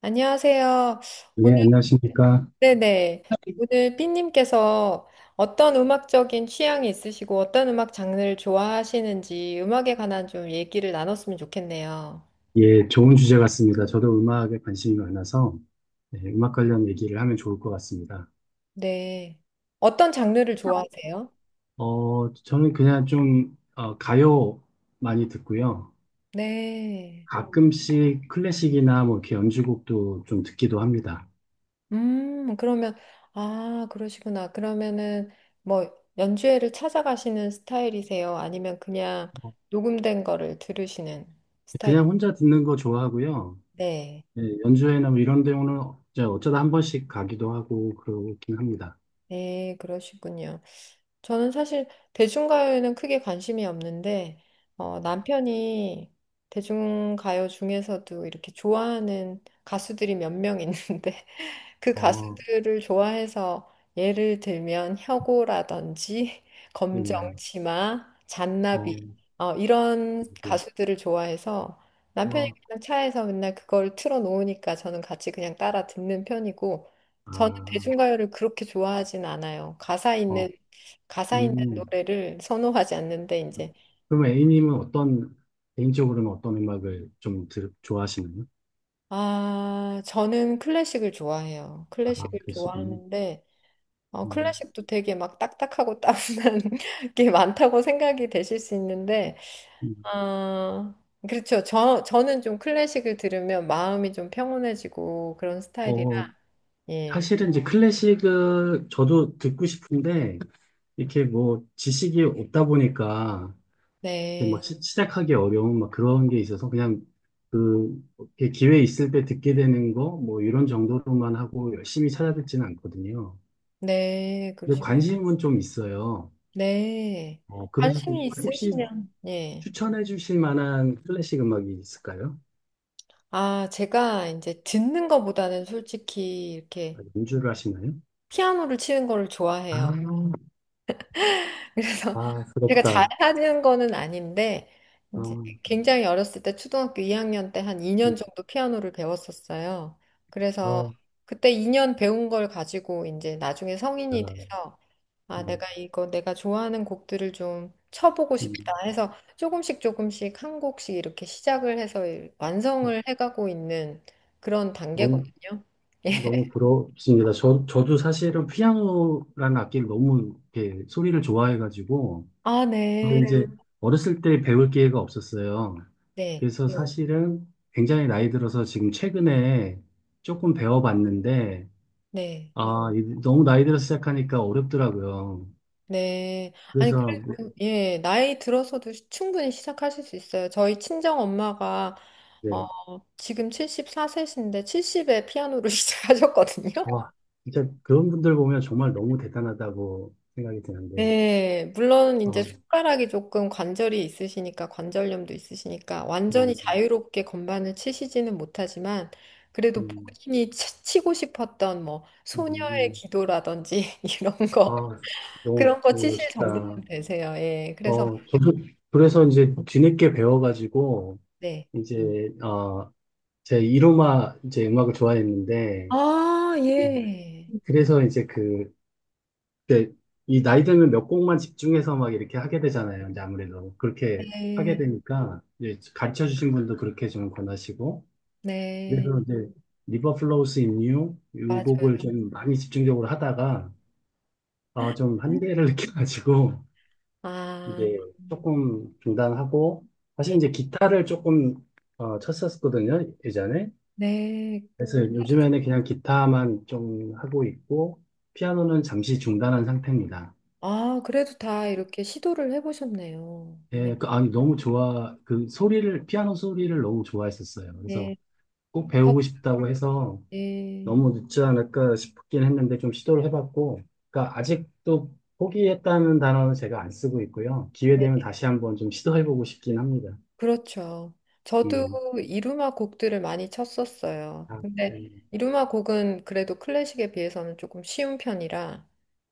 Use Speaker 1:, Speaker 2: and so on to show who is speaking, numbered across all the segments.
Speaker 1: 안녕하세요.
Speaker 2: 네,
Speaker 1: 오늘,
Speaker 2: 안녕하십니까.
Speaker 1: 네네. 오늘 삐님께서 어떤 음악적인 취향이 있으시고 어떤 음악 장르를 좋아하시는지 음악에 관한 좀 얘기를 나눴으면 좋겠네요.
Speaker 2: 예, 좋은 주제 같습니다. 저도 음악에 관심이 많아서 네, 음악 관련 얘기를 하면 좋을 것 같습니다.
Speaker 1: 네. 어떤 장르를 좋아하세요?
Speaker 2: 저는 그냥 좀 가요 많이 듣고요.
Speaker 1: 네.
Speaker 2: 가끔씩 클래식이나 뭐 이렇게 연주곡도 좀 듣기도 합니다.
Speaker 1: 그러면, 아, 그러시구나. 그러면은 뭐 연주회를 찾아가시는 스타일이세요? 아니면 그냥 녹음된 거를 들으시는 스타일?
Speaker 2: 그냥 혼자 듣는 거 좋아하고요.
Speaker 1: 네.
Speaker 2: 예, 연주회나 뭐 이런 데는 이제 어쩌다 한 번씩 가기도 하고 그러긴 합니다.
Speaker 1: 네, 그러시군요. 저는 사실 대중가요에는 크게 관심이 없는데, 남편이 대중가요 중에서도 이렇게 좋아하는 가수들이 몇 명 있는데, 그
Speaker 2: 어,
Speaker 1: 가수들을 좋아해서 예를 들면 혁오라든지
Speaker 2: 예,
Speaker 1: 검정치마,
Speaker 2: 어,
Speaker 1: 잔나비 이런 가수들을 좋아해서 남편이
Speaker 2: 뭐,
Speaker 1: 그냥 차에서 맨날 그걸 틀어놓으니까 저는 같이 그냥 따라 듣는 편이고 저는
Speaker 2: 아,
Speaker 1: 대중가요를 그렇게 좋아하진 않아요. 가사
Speaker 2: 어,
Speaker 1: 있는 가사 있는
Speaker 2: 음.
Speaker 1: 노래를 선호하지 않는데 이제
Speaker 2: 그럼 A님은 어떤, 개인적으로는 어떤 음악을 좀 좋아하시나요?
Speaker 1: 아 저는 클래식을 좋아해요.
Speaker 2: 아,
Speaker 1: 클래식을
Speaker 2: 그러시군요.
Speaker 1: 좋아하는데
Speaker 2: 음,
Speaker 1: 클래식도 되게 막 딱딱하고 따분한 게 많다고 생각이 되실 수 있는데,
Speaker 2: 음.
Speaker 1: 아, 그렇죠. 저는 좀 클래식을 들으면 마음이 좀 평온해지고 그런 스타일이라,
Speaker 2: 어,
Speaker 1: 예.
Speaker 2: 사실은 이제 클래식을 저도 듣고 싶은데, 이렇게 뭐 지식이 없다 보니까, 이렇게
Speaker 1: 네,
Speaker 2: 막 시작하기 어려운 막 그런 게 있어서 그냥 그, 이렇게 기회 있을 때 듣게 되는 거, 뭐 이런 정도로만 하고 열심히 찾아듣지는 않거든요.
Speaker 1: 네,
Speaker 2: 근데
Speaker 1: 그러시고,
Speaker 2: 관심은 좀 있어요.
Speaker 1: 네.
Speaker 2: 그래서
Speaker 1: 관심이
Speaker 2: 혹시
Speaker 1: 있으시면, 예.
Speaker 2: 추천해 주실 만한 클래식 음악이 있을까요?
Speaker 1: 아, 제가 이제 듣는 것보다는 솔직히
Speaker 2: 아,
Speaker 1: 이렇게
Speaker 2: 연주를 하시나요?
Speaker 1: 피아노를 치는 거를
Speaker 2: 아,
Speaker 1: 좋아해요. 그래서
Speaker 2: 아,
Speaker 1: 제가
Speaker 2: 부럽다.
Speaker 1: 잘하는 거는 아닌데
Speaker 2: 아,
Speaker 1: 이제 굉장히 어렸을 때 초등학교 2학년 때 한
Speaker 2: 음,
Speaker 1: 2년 정도 피아노를 배웠었어요. 그래서
Speaker 2: 아,
Speaker 1: 그때 2년 배운 걸 가지고 이제 나중에 성인이
Speaker 2: 야,
Speaker 1: 돼서 아,
Speaker 2: 네,
Speaker 1: 내가 이거 내가 좋아하는 곡들을 좀 쳐보고
Speaker 2: 음,
Speaker 1: 싶다 해서 조금씩 조금씩 한 곡씩 이렇게 시작을 해서
Speaker 2: 어,
Speaker 1: 완성을 해가고 있는 그런
Speaker 2: 너무,
Speaker 1: 단계거든요.
Speaker 2: 너무 부럽습니다. 저도 사실은 피아노라는 악기를 너무 이렇게 소리를 좋아해가지고,
Speaker 1: 아,
Speaker 2: 근데
Speaker 1: 네.
Speaker 2: 네. 이제 네. 어렸을 때 배울 기회가 없었어요.
Speaker 1: 네.
Speaker 2: 그래서 네. 사실은 굉장히 나이 들어서 지금 최근에 조금 배워봤는데,
Speaker 1: 네.
Speaker 2: 아, 네. 너무 나이 들어서 시작하니까 어렵더라고요.
Speaker 1: 네. 아니,
Speaker 2: 그래서
Speaker 1: 그래도, 예, 나이 들어서도 충분히 시작하실 수 있어요. 저희 친정 엄마가, 어,
Speaker 2: 네.
Speaker 1: 지금 74세신데 70에 피아노를 시작하셨거든요.
Speaker 2: 아, 진짜 그런 분들 보면 정말 너무 대단하다고 생각이 드는데,
Speaker 1: 네, 물론 이제
Speaker 2: 아,
Speaker 1: 손가락이 조금 관절이 있으시니까, 관절염도 있으시니까, 완전히
Speaker 2: 어,
Speaker 1: 자유롭게 건반을 치시지는 못하지만, 그래도
Speaker 2: 음,
Speaker 1: 본인이 치고 싶었던 뭐,
Speaker 2: 음,
Speaker 1: 소녀의
Speaker 2: 음.
Speaker 1: 기도라든지, 이런
Speaker 2: 아,
Speaker 1: 거,
Speaker 2: 너무
Speaker 1: 그런 거 치실 정도는
Speaker 2: 멋있다.
Speaker 1: 되세요. 예, 그래서,
Speaker 2: 저도 그래서 이제 뒤늦게 배워가지고,
Speaker 1: 네.
Speaker 2: 이제, 제 이로마 이제 음악을 좋아했는데,
Speaker 1: 아, 예.
Speaker 2: 그래서 이제 그때 이 나이 들면 몇 곡만 집중해서 막 이렇게 하게 되잖아요. 이제 아무래도 그렇게
Speaker 1: 네,
Speaker 2: 하게 되니까, 이제 가르쳐 주신 분도 그렇게 좀 권하시고,
Speaker 1: 네,
Speaker 2: 그래서 이제 리버 플로우스 인유요
Speaker 1: 맞아요.
Speaker 2: 곡을 좀 많이 집중적으로 하다가 아, 좀 한계를 느껴가지고
Speaker 1: 아,
Speaker 2: 이제 조금 중단하고 사실
Speaker 1: 예,
Speaker 2: 이제 기타를 조금 쳤었거든요 예전에.
Speaker 1: 네.
Speaker 2: 그래서
Speaker 1: 아주 좋-
Speaker 2: 요즘에는 그냥 기타만 좀 하고 있고 피아노는 잠시 중단한 상태입니다.
Speaker 1: 아, 그래도 다 이렇게 시도를 해보셨네요. 예,
Speaker 2: 예, 그, 아니 너무 좋아 그 소리를 피아노 소리를 너무 좋아했었어요. 그래서
Speaker 1: 예,
Speaker 2: 꼭
Speaker 1: 저,
Speaker 2: 배우고 싶다고 해서
Speaker 1: 예,
Speaker 2: 너무 늦지 않을까 싶긴 했는데 좀 시도를 해봤고, 그러니까 아직도 포기했다는 단어는 제가 안 쓰고 있고요. 기회
Speaker 1: 네,
Speaker 2: 되면 다시 한번 좀 시도해보고 싶긴 합니다.
Speaker 1: 그렇죠. 저도
Speaker 2: 음,
Speaker 1: 이루마 곡들을 많이 쳤었어요.
Speaker 2: 아, 예.
Speaker 1: 근데 이루마 곡은 그래도 클래식에 비해서는 조금 쉬운 편이라,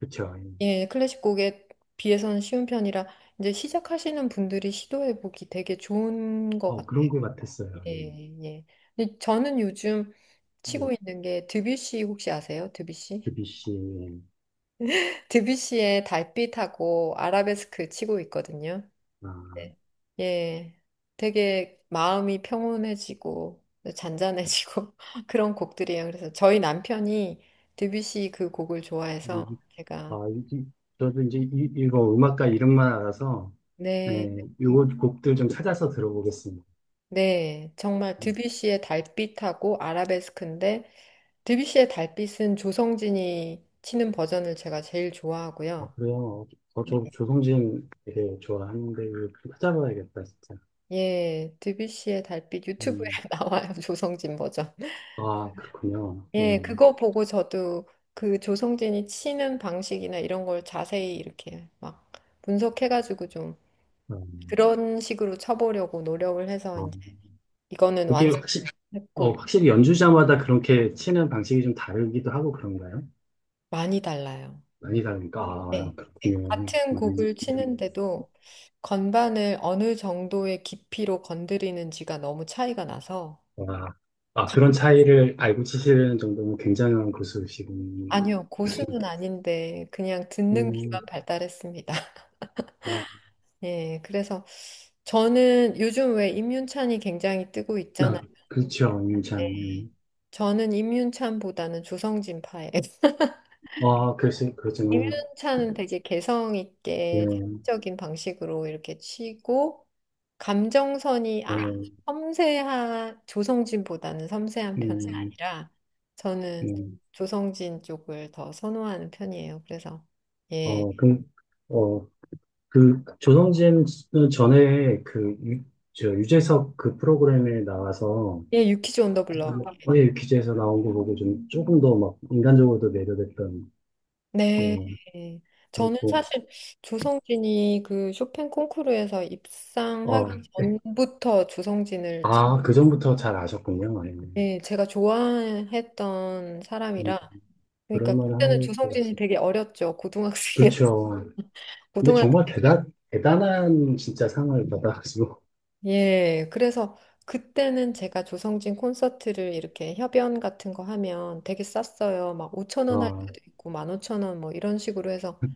Speaker 2: 그쵸. 예.
Speaker 1: 예, 클래식 곡에 비해서는 쉬운 편이라, 이제 시작하시는 분들이 시도해보기 되게 좋은 것
Speaker 2: 어, 그런
Speaker 1: 같아요.
Speaker 2: 것 같았어요. 예.
Speaker 1: 예, 예. 근데 저는 요즘
Speaker 2: 예.
Speaker 1: 치고 있는 게 드뷔시 혹시 아세요? 드뷔시?
Speaker 2: 그비씨.
Speaker 1: 드뷔시의 달빛하고 아라베스크 치고 있거든요.
Speaker 2: 아,
Speaker 1: 네. 예. 되게 마음이 평온해지고 잔잔해지고 그런 곡들이에요. 그래서 저희 남편이 드뷔시 그 곡을 좋아해서
Speaker 2: 이- 아,
Speaker 1: 제가
Speaker 2: 이 저도 이제 이거 음악가 이름만 알아서,
Speaker 1: 네,
Speaker 2: 예, 요거 곡들 좀 찾아서 들어보겠습니다.
Speaker 1: 네. 정말 드뷔시의 달빛하고 아라베스크인데 드뷔시의 달빛은 조성진이 치는 버전을 제가 제일
Speaker 2: 어,
Speaker 1: 좋아하고요.
Speaker 2: 그래요. 어,
Speaker 1: 네.
Speaker 2: 저 조성진 되게 좋아하는데, 이거 찾아봐야겠다, 진짜.
Speaker 1: 예, 드뷔시의 달빛 유튜브에
Speaker 2: 음.
Speaker 1: 나와요. 조성진 버전.
Speaker 2: 아, 그렇군요.
Speaker 1: 예,
Speaker 2: 예.
Speaker 1: 그거 보고 저도 그 조성진이 치는 방식이나 이런 걸 자세히 이렇게 막 분석해가지고 좀
Speaker 2: 음,
Speaker 1: 그런 식으로 쳐보려고 노력을 해서
Speaker 2: 어,
Speaker 1: 이제 이거는
Speaker 2: 그게 확실히,
Speaker 1: 완성했고
Speaker 2: 확실히 연주자마다 그렇게 치는 방식이 좀 다르기도 하고 그런가요?
Speaker 1: 많이 달라요.
Speaker 2: 많이 다르니까. 아,
Speaker 1: 네.
Speaker 2: 그렇군요.
Speaker 1: 같은 곡을 치는데도 건반을 어느 정도의 깊이로 건드리는지가 너무 차이가 나서
Speaker 2: 와. 아, 아, 그런 차이를 알고 치시는 정도면 굉장한 고수시군요.
Speaker 1: 아니요, 고수는 아닌데 그냥 듣는 귀만
Speaker 2: 음,
Speaker 1: 발달했습니다.
Speaker 2: 어,
Speaker 1: 예, 그래서 저는 요즘 왜 임윤찬이 굉장히 뜨고 있잖아요.
Speaker 2: 아, 그렇죠. 참.
Speaker 1: 네.
Speaker 2: 음.
Speaker 1: 저는 임윤찬보다는 조성진파예요.
Speaker 2: 아, 글쎄, 그렇죠.
Speaker 1: 임윤찬은 되게 개성 있게
Speaker 2: 예,
Speaker 1: 자극적인 방식으로 이렇게 치고 감정선이
Speaker 2: 어,
Speaker 1: 섬세한 조성진보다는 섬세한 편은
Speaker 2: 음,
Speaker 1: 아니라 저는
Speaker 2: 음,
Speaker 1: 조성진 쪽을 더 선호하는 편이에요. 그래서 예,
Speaker 2: 어, 그 조성진 전에 그 저 유재석 그 프로그램에 나와서
Speaker 1: 예, 유키즈 온더 블럭
Speaker 2: 어예 기자에서 나온 거 보고 좀 조금 더 막 인간적으로도 매료됐던 예
Speaker 1: 네. 저는
Speaker 2: 그렇고
Speaker 1: 사실 조성진이 그 쇼팽 콩쿠르에서 입상하기 전부터
Speaker 2: 어아그 전부터 잘 아셨군요. 예.
Speaker 1: 네, 제가 좋아했던
Speaker 2: 음,
Speaker 1: 사람이라
Speaker 2: 그럴
Speaker 1: 그러니까
Speaker 2: 만한
Speaker 1: 그때는
Speaker 2: 것
Speaker 1: 조성진이
Speaker 2: 같습니다
Speaker 1: 되게 어렸죠. 고등학생이
Speaker 2: 그렇죠. 근데
Speaker 1: 고등학교
Speaker 2: 정말 대단한 진짜 상을 받아가지고
Speaker 1: 예. 그래서 그때는 제가 조성진 콘서트를 이렇게 협연 같은 거 하면 되게 쌌어요. 막 5천 원 할 때도 있고 15,000원 뭐 이런 식으로 해서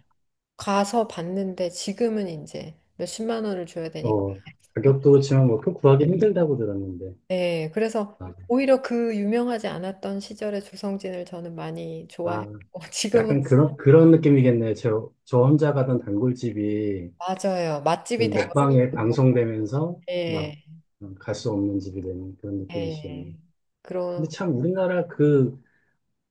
Speaker 1: 가서 봤는데 지금은 이제 몇십만 원을 줘야 되니까
Speaker 2: 아어 가격도 그렇지만 뭐그 구하기 힘들다고 들었는데
Speaker 1: 네, 그래서
Speaker 2: 아,
Speaker 1: 오히려 그 유명하지 않았던 시절의 조성진을 저는 많이
Speaker 2: 아
Speaker 1: 좋아했고 지금은
Speaker 2: 약간 그런 느낌이겠네요. 저 혼자 가던 단골집이
Speaker 1: 맞아요.
Speaker 2: 그
Speaker 1: 맛집이 돼버리고.
Speaker 2: 먹방에 방송되면서 막
Speaker 1: 예.
Speaker 2: 갈 수 없는 집이 되는 그런
Speaker 1: 예.
Speaker 2: 느낌이시겠네요. 근데
Speaker 1: 그런
Speaker 2: 참 우리나라 그,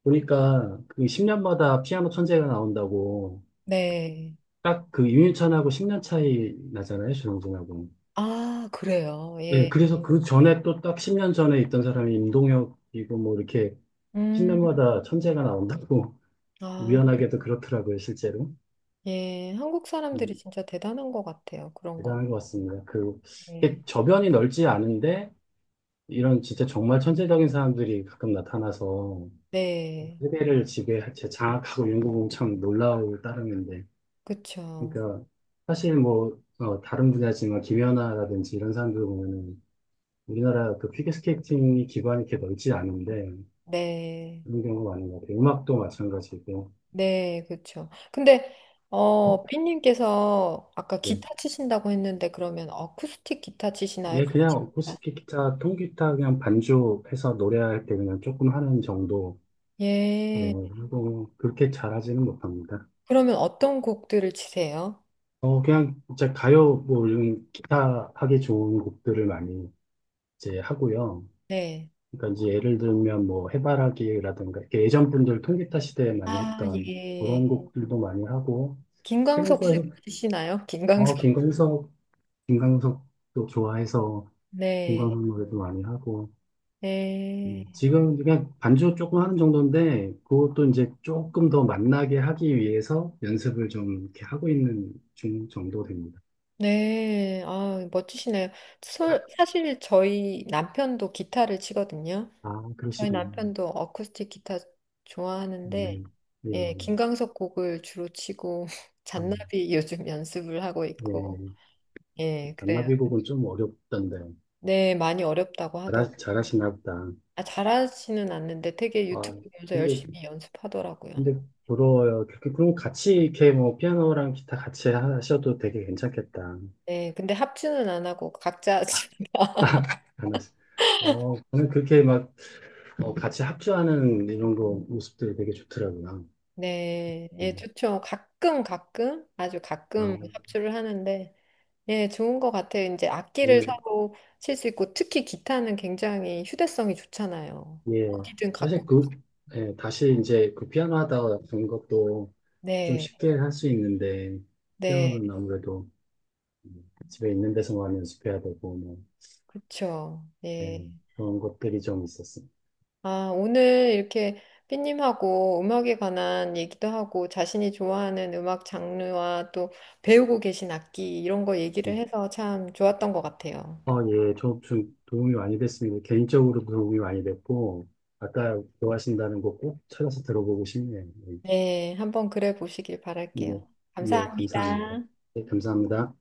Speaker 2: 보니까 그 10년마다 피아노 천재가 나온다고
Speaker 1: 네.
Speaker 2: 딱 그 윤유찬하고 10년 차이 나잖아요. 조영진하고.
Speaker 1: 아, 그래요.
Speaker 2: 예,
Speaker 1: 예.
Speaker 2: 그래서 그 전에 또 딱 10년 전에 있던 사람이 임동혁이고 뭐 이렇게
Speaker 1: 음.
Speaker 2: 10년마다 천재가 나온다고
Speaker 1: 아,
Speaker 2: 우연하게도 그렇더라고요, 실제로.
Speaker 1: 예. 한국
Speaker 2: 네.
Speaker 1: 사람들이 진짜 대단한 것 같아요. 그런 건.
Speaker 2: 대단한 것 같습니다. 그,
Speaker 1: 예.
Speaker 2: 이게 저변이 넓지 않은데, 이런 진짜 정말 천재적인 사람들이 가끔 나타나서
Speaker 1: 네.
Speaker 2: 세대를 지배, 제 장악하고 이런 거 보면 참 놀라울 따름인데.
Speaker 1: 그쵸.
Speaker 2: 그러니까, 사실 뭐, 다른 분야지만 김연아라든지 이런 사람들 보면은 우리나라 그 피겨스케이팅이 기반이 이렇게 넓지 않은데,
Speaker 1: 네.
Speaker 2: 그런 경우가 많은 것 같아요. 음악도 마찬가지고.
Speaker 1: 네, 그렇죠. 근데 삐님께서 아까
Speaker 2: 네.
Speaker 1: 기타 치신다고 했는데 그러면 어쿠스틱 기타 치시나요?
Speaker 2: 얘 그냥
Speaker 1: 클래식 기타?
Speaker 2: 어쿠스틱 기타, 통기타 그냥 반주해서 노래할 때 그냥 조금 하는 정도. 예,
Speaker 1: 예.
Speaker 2: 뭐, 그렇게 잘하지는 못합니다.
Speaker 1: 그러면 어떤 곡들을 치세요?
Speaker 2: 그냥 이제 가요, 뭐, 이런 기타 하기 좋은 곡들을 많이 이제 하고요.
Speaker 1: 네.
Speaker 2: 그러니까 이제 예를 들면 뭐, 해바라기라든가, 이렇게 예전 분들 통기타 시대에 많이
Speaker 1: 아,
Speaker 2: 했던
Speaker 1: 예.
Speaker 2: 그런 곡들도 많이 하고, 최근
Speaker 1: 김광석
Speaker 2: 거에,
Speaker 1: 씨 치시나요?
Speaker 2: 어,
Speaker 1: 김광석.
Speaker 2: 김광석, 김광석도 좋아해서
Speaker 1: 네.
Speaker 2: 김광석 노래도 많이 하고,
Speaker 1: 네.
Speaker 2: 지금 그냥 반주 조금 하는 정도인데, 그것도 이제 조금 더 만나게 하기 위해서 연습을 좀 이렇게 하고 있는 중 정도 됩니다.
Speaker 1: 네. 아, 멋지시네요. 사실 저희 남편도 기타를 치거든요.
Speaker 2: 아,
Speaker 1: 저희
Speaker 2: 그러시군요.
Speaker 1: 남편도 어쿠스틱 기타 좋아하는데,
Speaker 2: 네.
Speaker 1: 예,
Speaker 2: 예.
Speaker 1: 김광석 곡을 주로 치고,
Speaker 2: 아,
Speaker 1: 잔나비 요즘 연습을 하고 있고,
Speaker 2: 예.
Speaker 1: 예, 그래요.
Speaker 2: 잔나비곡은 좀 어렵던데.
Speaker 1: 네, 많이 어렵다고
Speaker 2: 잘하,
Speaker 1: 하더라고요.
Speaker 2: 잘하시나 보다.
Speaker 1: 아, 잘하지는 않는데 되게 유튜브
Speaker 2: 아,
Speaker 1: 보면서
Speaker 2: 근데,
Speaker 1: 열심히 연습하더라고요.
Speaker 2: 근데 부러워요. 그럼 같이 이렇게 뭐 피아노랑 기타 같이 하셔도 되게 괜찮겠다.
Speaker 1: 네, 근데 합주는 안 하고 각자 하니까.
Speaker 2: 하나씩. 저는 그렇게 막 같이 합주하는 이런 거 모습들이 되게 좋더라고요.
Speaker 1: 네, 예,
Speaker 2: 음.
Speaker 1: 좋죠. 가끔 가끔 아주
Speaker 2: 아,
Speaker 1: 가끔 합주를 하는데 예, 좋은 것 같아요. 이제 악기를 사고 칠 수 있고 특히 기타는 굉장히 휴대성이 좋잖아요.
Speaker 2: 예.
Speaker 1: 어디든 갖고.
Speaker 2: 사실 그, 예, 다시 이제 그 피아노 하다 된 것도 좀
Speaker 1: 네,
Speaker 2: 쉽게 할 수 있는데,
Speaker 1: 네,
Speaker 2: 피아노는 아무래도 집에 있는 데서만 연습해야 되고, 뭐,
Speaker 1: 그렇죠. 예.
Speaker 2: 예, 그런 것들이 좀 있었어요.
Speaker 1: 아, 오늘 이렇게 삐님하고 음악에 관한 얘기도 하고 자신이 좋아하는 음악 장르와 또 배우고 계신 악기 이런 거 얘기를
Speaker 2: 음.
Speaker 1: 해서 참 좋았던 것 같아요.
Speaker 2: 예, 저좀 도움이 많이 됐습니다. 개인적으로 도움이 많이 됐고, 아까 좋아하신다는 거 꼭 찾아서 들어보고 싶네요.
Speaker 1: 네, 한번 그래 보시길
Speaker 2: 예,
Speaker 1: 바랄게요.
Speaker 2: 예, 예, 감사합니다.
Speaker 1: 감사합니다.
Speaker 2: 예, 감사합니다.